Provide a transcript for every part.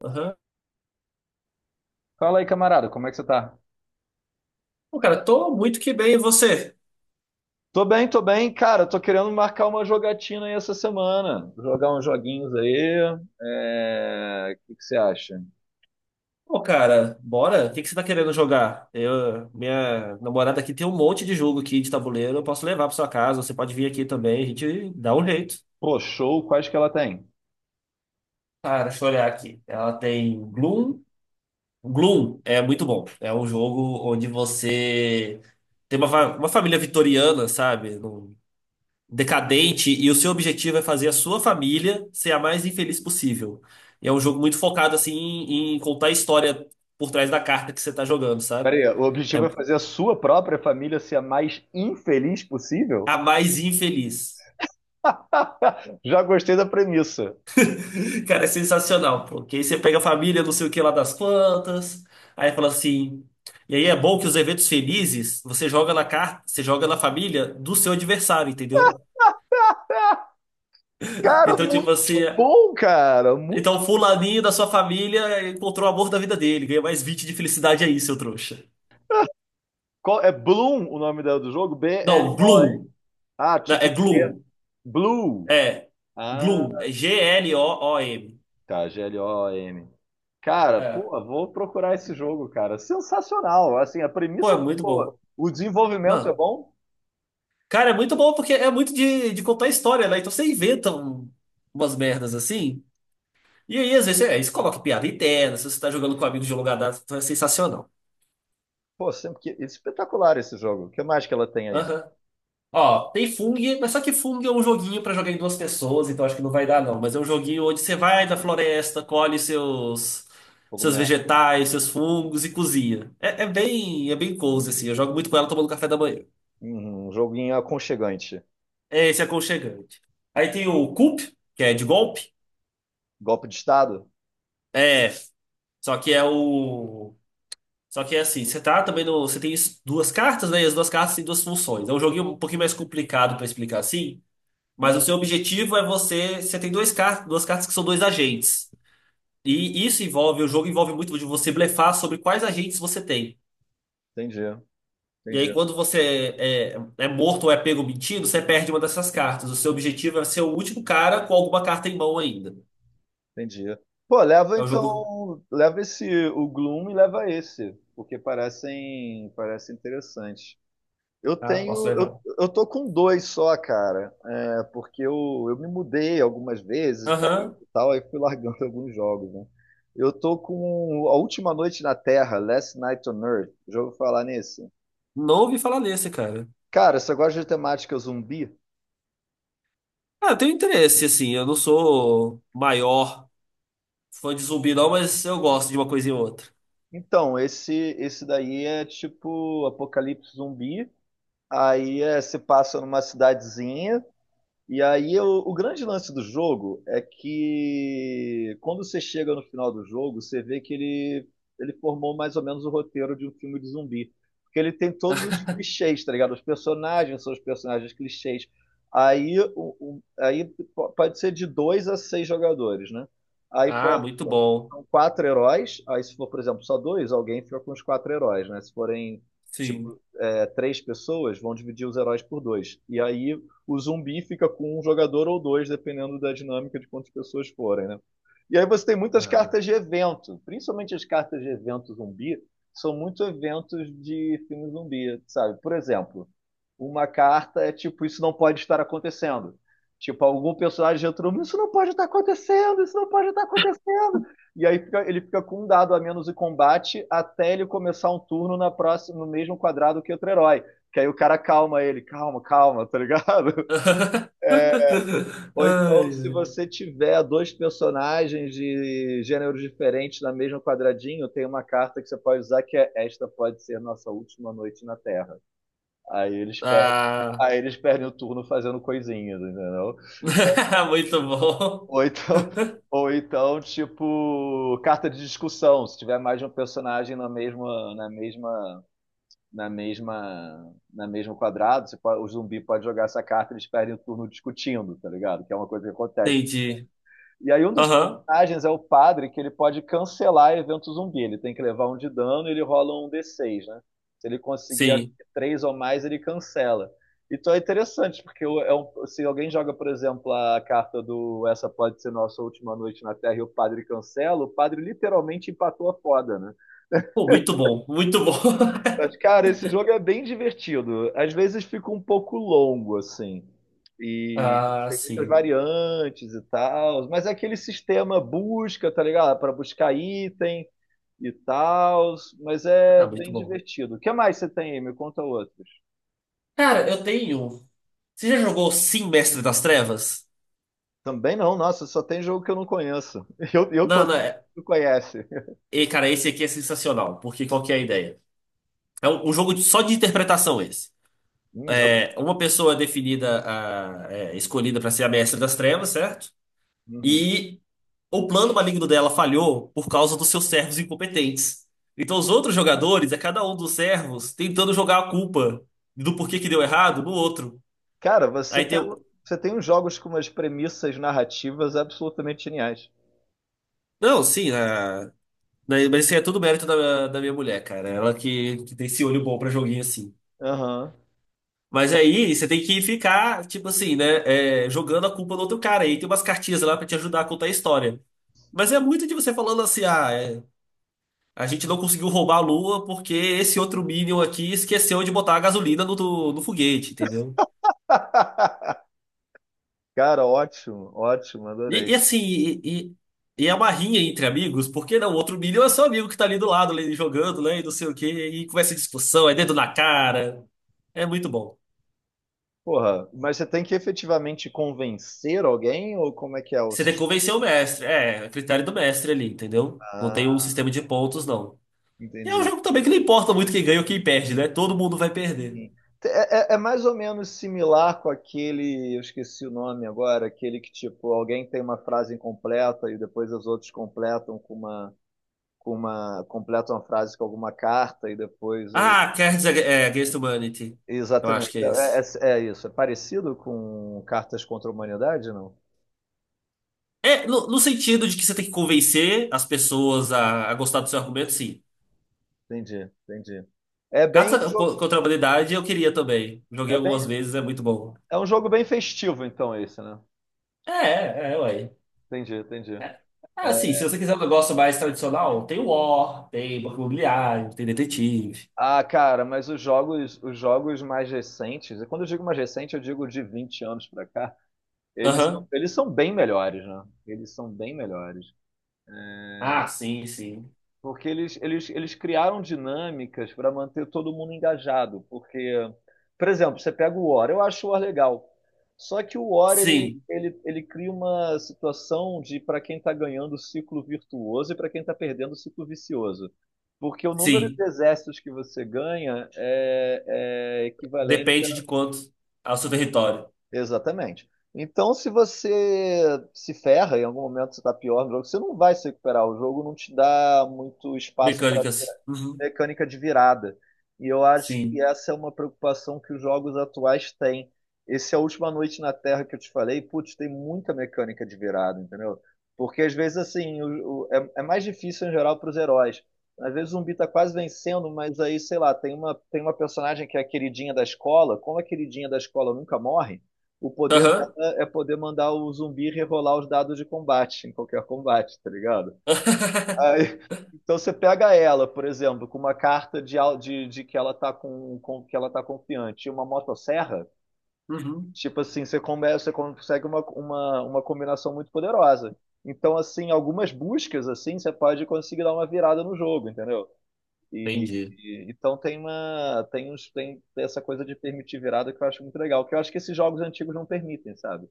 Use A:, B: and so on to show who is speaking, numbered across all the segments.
A: Aham.
B: Fala aí, camarada, como é que você tá?
A: Pô, cara, tô muito que bem. E você?
B: Tô bem, cara. Tô querendo marcar uma jogatina aí essa semana. Jogar uns joguinhos aí. É, o que que você acha?
A: Pô, cara, bora? O que que você tá querendo jogar? Minha namorada aqui tem um monte de jogo aqui de tabuleiro. Eu posso levar pra sua casa. Você pode vir aqui também. A gente dá um jeito.
B: Pô, show, quais que ela tem?
A: Cara, deixa eu olhar aqui. Ela tem Gloom. Gloom é muito bom. É um jogo onde você tem uma família vitoriana, sabe? Decadente, e o seu objetivo é fazer a sua família ser a mais infeliz possível. E é um jogo muito focado assim em contar a história por trás da carta que você tá jogando,
B: Pera
A: sabe?
B: aí, o
A: É
B: objetivo é fazer a sua própria família ser a mais infeliz possível?
A: a mais infeliz.
B: Já gostei da premissa.
A: Cara, é sensacional, porque aí você pega a família, não sei o que lá das quantas, aí fala assim. E aí é bom que os eventos felizes você joga na carta, você joga na família do seu adversário, entendeu?
B: Cara,
A: Então, tipo
B: muito
A: assim,
B: bom, cara.
A: então
B: Muito.
A: o fulaninho da sua família encontrou o amor da vida dele, ganha mais 20 de felicidade aí, seu trouxa.
B: É Bloom o nome dela do jogo?
A: Não,
B: BLO.
A: Gloom.
B: Ah,
A: Não, é
B: tipo,
A: Gloom.
B: Blue.
A: É.
B: Ah.
A: Gloom. É Gloom.
B: Tá, GLOM. Cara, pô,
A: É.
B: vou procurar esse jogo, cara. Sensacional. Assim, a
A: Pô,
B: premissa
A: é
B: é muito
A: muito
B: boa.
A: bom.
B: O desenvolvimento é
A: Não.
B: bom.
A: Cara, é muito bom porque é muito de contar história, né? Então você inventa umas merdas assim. E aí, às vezes, é, isso coloca piada interna. Se você tá jogando com amigos de longa data, então é sensacional.
B: Pô, sempre que, espetacular esse jogo. O que mais que ela tem aí?
A: Aham. Ó, tem Fung, mas só que Fung é um joguinho pra jogar em duas pessoas, então acho que não vai dar não. Mas é um joguinho onde você vai da floresta, colhe seus
B: Cogumelo.
A: vegetais, seus fungos e cozinha. É, é bem cozy assim. Eu jogo muito com ela tomando café da manhã.
B: Uhum, um joguinho aconchegante.
A: É, esse é aconchegante. Aí tem o Coup, que é de golpe.
B: Golpe de Estado?
A: É, só que é o só que é assim, você tá também no, você tem duas cartas, né? E as duas cartas têm duas funções. É um joguinho um pouquinho mais complicado pra explicar assim. Mas
B: Uhum,
A: o seu objetivo é você. Você tem dois car duas cartas que são dois agentes. O jogo envolve muito de você blefar sobre quais agentes você tem.
B: entendi,
A: E aí,
B: entendi,
A: quando você é morto ou é pego mentindo, você perde uma dessas cartas. O seu objetivo é ser o último cara com alguma carta em mão ainda.
B: entendi. Pô, leva
A: É o jogo.
B: então. Leva esse, o Gloom e leva esse. Porque parece interessante. Eu
A: Ah, posso
B: tenho, eu,
A: levar.
B: eu tô com dois só, cara, é, porque eu me mudei algumas vezes de país
A: Aham.
B: e tal, aí fui largando alguns jogos, né? Eu tô com A Última Noite na Terra, Last Night on Earth, já ouviu falar nesse?
A: Não ouvi falar nesse, cara.
B: Cara, você gosta de temática zumbi?
A: Ah, eu tenho interesse, assim. Eu não sou maior fã de zumbi, não, mas eu gosto de uma coisa e outra.
B: Então, esse daí é tipo apocalipse zumbi, aí se passa numa cidadezinha. E aí o grande lance do jogo é que quando você chega no final do jogo, você vê que ele formou mais ou menos o roteiro de um filme de zumbi. Porque ele tem todos os clichês, tá ligado? Os personagens são os personagens clichês. Aí, aí pode ser de dois a seis jogadores, né? Aí
A: Ah,
B: pode,
A: muito
B: são
A: bom.
B: são quatro heróis. Aí se for, por exemplo, só dois, alguém fica com os quatro heróis, né? Se forem, tipo,
A: Sim.
B: três pessoas, vão dividir os heróis por dois. E aí o zumbi fica com um jogador ou dois, dependendo da dinâmica de quantas pessoas forem, né? E aí você tem muitas
A: Ah.
B: cartas de evento, principalmente as cartas de evento zumbi, são muito eventos de filme zumbi, sabe? Por exemplo, uma carta é tipo, isso não pode estar acontecendo. Tipo, algum personagem entrou, isso não pode estar acontecendo, isso não pode estar acontecendo. E aí ele fica com um dado a menos em combate até ele começar um turno na próxima, no mesmo quadrado que outro herói. Que aí o cara calma ele, calma, calma, tá ligado?
A: Ai,
B: Ou então, se
A: ai.
B: você tiver dois personagens de gêneros diferentes na mesma quadradinho, tem uma carta que você pode usar que é esta pode ser nossa última noite na Terra. Aí eles perdem,
A: Ah,
B: aí eles perdem o turno fazendo coisinhas, entendeu?
A: muito bom.
B: Ou então, ou então, tipo, carta de discussão. Se tiver mais de um personagem na mesma, na mesmo quadrado, o zumbi pode jogar essa carta, eles perdem o turno discutindo, tá ligado? Que é uma coisa que acontece.
A: Entendi.
B: E aí um dos
A: Aham,
B: personagens é o padre, que ele pode cancelar evento zumbi. Ele tem que levar um de dano e ele rola um D6, né? Se ele conseguir acho
A: sim.
B: que, três ou mais, ele cancela. Então é interessante, porque se alguém joga, por exemplo, a carta do Essa Pode Ser Nossa Última Noite na Terra e o padre cancela, o padre literalmente empatou a foda, né?
A: Pô, muito bom, muito bom.
B: Mas, cara, esse jogo é bem divertido. Às vezes fica um pouco longo, assim. E
A: Ah,
B: tem muitas
A: sim.
B: variantes e tal. Mas é aquele sistema busca, tá ligado? Para buscar item e tal. Mas é
A: Ah, muito
B: bem
A: bom.
B: divertido. O que mais você tem aí? Me conta outros.
A: Cara, eu tenho. Você já jogou Sim, Mestre das Trevas?
B: Também não, nossa, só tem jogo que eu não conheço. Eu
A: Não, não.
B: contei que
A: É...
B: tu conhece.
A: E, cara, esse aqui é sensacional, porque qual que é a ideia? É um jogo só de interpretação esse.
B: Jogos.
A: É, uma pessoa é definida, escolhida para ser a Mestre das Trevas, certo?
B: Uhum.
A: E o plano maligno dela falhou por causa dos seus servos incompetentes. Então, os outros jogadores, é cada um dos servos tentando jogar a culpa do porquê que deu errado no outro.
B: Cara, você
A: Aí tem.
B: pega.
A: o-
B: Você tem uns jogos com umas premissas narrativas absolutamente geniais.
A: Não, sim, mas isso aí é tudo mérito da minha mulher, cara. Ela que tem esse olho bom pra joguinho assim.
B: Aham.
A: Mas aí você tem que ficar, tipo assim, né? Jogando a culpa no outro cara. Aí tem umas cartinhas lá pra te ajudar a contar a história. Mas é muito de você falando assim. A gente não conseguiu roubar a Lua porque esse outro Minion aqui esqueceu de botar a gasolina no foguete, entendeu?
B: Cara, ótimo, ótimo,
A: E,
B: adorei.
A: e assim, e é uma rinha entre amigos, porque não, o outro Minion é seu amigo que tá ali do lado, ali, jogando, né, e não sei o quê, e começa discussão, é dedo na cara, é muito bom.
B: Porra, mas você tem que efetivamente convencer alguém ou como é que é o
A: Você tem que
B: sistema?
A: convencer o mestre, é critério do mestre ali, entendeu? Não tem um
B: Ah,
A: sistema de pontos, não. E é um
B: entendi.
A: jogo também que não importa muito quem ganha ou quem perde, né? Todo mundo vai perder.
B: Sim. É mais ou menos similar com aquele, eu esqueci o nome agora, aquele que tipo, alguém tem uma frase incompleta e depois os outros completam com uma, completam a frase com alguma carta e depois o.
A: Ah, Cards Against Humanity. Eu acho que
B: Exatamente,
A: é
B: é, é-
A: esse.
B: é é isso. É parecido com Cartas contra a Humanidade, não?
A: É, no sentido de que você tem que convencer as pessoas a gostar do seu argumento, sim.
B: Entendi, entendi. É bem,
A: Cartas
B: jo-
A: contra a Humanidade eu queria também. Joguei
B: é
A: algumas
B: bem
A: vezes, é muito bom.
B: É um jogo bem festivo, então, esse, né?
A: É, é, é, ué.
B: Entendi, entendi.
A: É. Ah, sim, se
B: É,
A: você quiser um negócio mais tradicional, tem War, tem Banco Imobiliário, tem Detetive.
B: ah, cara, mas os jogos mais recentes, e quando eu digo mais recente, eu digo de 20 anos pra cá, eles são,
A: Aham.
B: eles são bem melhores, né? Eles são bem melhores.
A: Ah, sim, sim.
B: Porque eles criaram dinâmicas para manter todo mundo engajado. Porque, por exemplo, você pega o War, eu acho o War legal. Só que o War ele,
A: Sim,
B: ele, ele cria uma situação de para quem está ganhando o ciclo virtuoso e para quem está perdendo o ciclo vicioso. Porque o número de
A: sim.
B: exércitos que você ganha é equivalente.
A: Depende de quanto ao seu território.
B: Exatamente. Então, se você se ferra, em algum momento você está pior no jogo, você não vai se recuperar. O jogo não te dá muito espaço
A: Mecânicas. Uhum.
B: mecânica de virada. E eu acho que
A: Sim.
B: essa é uma preocupação que os jogos atuais têm. Esse é a última noite na Terra que eu te falei, putz, tem muita mecânica de virada, entendeu? Porque às vezes assim, é mais difícil em geral para os heróis. Às vezes o zumbi tá quase vencendo, mas aí, sei lá, tem uma personagem que é a queridinha da escola. Como a queridinha da escola nunca morre, o poder
A: Aham.
B: dela é poder mandar o zumbi rerolar os dados de combate, em qualquer combate, tá ligado? Aí, então você pega ela, por exemplo, com uma carta de que ela está com, que ela tá confiante, e uma motosserra,
A: Uhum.
B: tipo assim, você consegue uma combinação muito poderosa. Então, assim, algumas buscas assim, você pode conseguir dar uma virada no jogo, entendeu? E,
A: Entendi.
B: então tem uma tem uns tem essa coisa de permitir virada que eu acho muito legal, que eu acho que esses jogos antigos não permitem, sabe?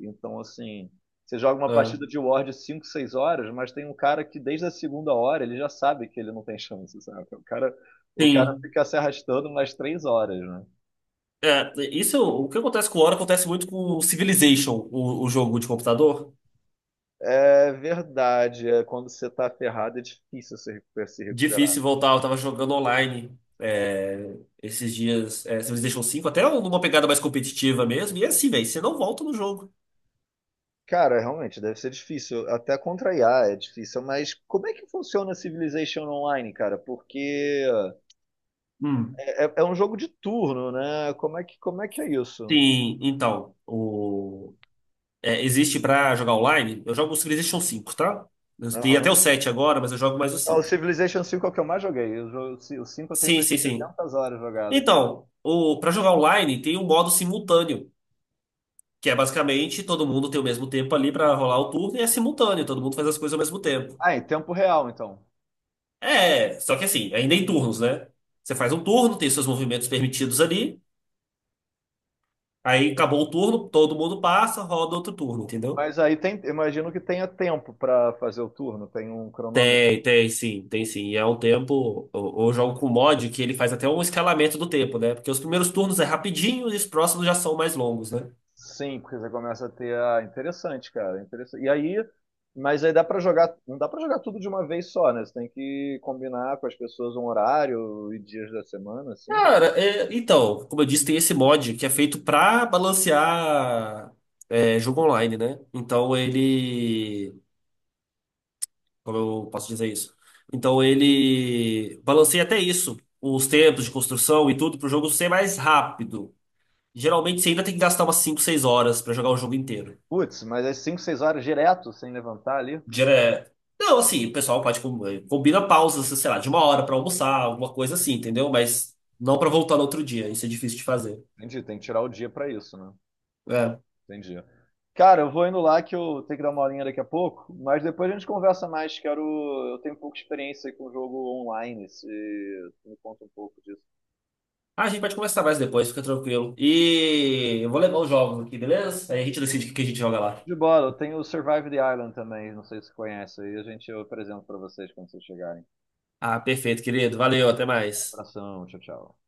B: Então assim, você joga uma
A: Ah.
B: partida de War de 5, 6 horas, mas tem um cara que desde a segunda hora ele já sabe que ele não tem chance, sabe? O cara
A: Sim.
B: fica se arrastando mais 3 horas, né?
A: É, isso, o que acontece com o Ori acontece muito com o Civilization, o jogo de computador.
B: É verdade, quando você tá ferrado é difícil se recuperar.
A: Difícil voltar, eu tava jogando online esses dias, Civilization 5 até um, numa pegada mais competitiva mesmo. E é assim, velho, você não volta no jogo.
B: Cara, realmente, deve ser difícil. Até contra IA é difícil, mas como é que funciona Civilization Online, cara? Porque
A: Hum.
B: é um jogo de turno, né? Como é que é isso?
A: Sim, então, existe pra jogar online, eu jogo o Civilization 5 tá? Eu tenho
B: Aham.
A: até o 7 agora, mas eu jogo mais o
B: Ah, o
A: 5.
B: Civilization 5, é o que eu mais joguei. O 5 eu tenho
A: Sim,
B: umas
A: sim, sim.
B: 300 horas jogadas.
A: Então, pra jogar online tem um modo simultâneo. Que é basicamente todo mundo tem o mesmo tempo ali pra rolar o turno e é simultâneo, todo mundo faz as coisas ao mesmo tempo.
B: Ah, em tempo real, então.
A: É, só que assim, ainda em turnos, né? Você faz um turno, tem seus movimentos permitidos ali, aí acabou o turno, todo mundo passa, roda outro turno, entendeu?
B: Mas aí tem, imagino que tenha tempo pra fazer o turno, tem um cronômetro.
A: Tem, tem sim, tem sim. E é um tempo. Eu jogo com mod que ele faz até um escalamento do tempo, né? Porque os primeiros turnos é rapidinho e os próximos já são mais longos, né?
B: Sim, porque você começa a ter a interessante, cara, interessante. E aí, mas aí dá pra jogar, não dá pra jogar tudo de uma vez só, né? Você tem que combinar com as pessoas um horário e dias da semana, assim.
A: Cara, é, então, como eu disse, tem esse mod que é feito pra balancear jogo online, né? Então ele. Como eu posso dizer isso? Então ele balanceia até isso, os tempos de construção e tudo, pro jogo ser mais rápido. Geralmente você ainda tem que gastar umas 5, 6 horas pra jogar o jogo inteiro.
B: Putz, mas é 5, 6 horas direto sem levantar ali.
A: Dire- Não, assim, o pessoal pode combina pausas, sei lá, de uma hora pra almoçar, alguma coisa assim, entendeu? Mas não pra voltar no outro dia, isso é difícil de fazer.
B: Entendi, tem que tirar o dia pra isso, né?
A: É.
B: Entendi. Cara, eu vou indo lá que eu tenho que dar uma aulinha daqui a pouco, mas depois a gente conversa mais. Quero, eu tenho pouca experiência com jogo online, se tu me conta um pouco disso.
A: Ah, a gente pode conversar mais depois, fica tranquilo. E eu vou levar os jogos aqui, beleza? Aí a gente decide o que que a gente joga lá.
B: De bola, eu tenho o Survive the Island também, não sei se você conhece aí, a gente eu apresento pra vocês quando vocês chegarem.
A: Ah, perfeito, querido. Valeu, até mais.
B: Abração, tchau, tchau.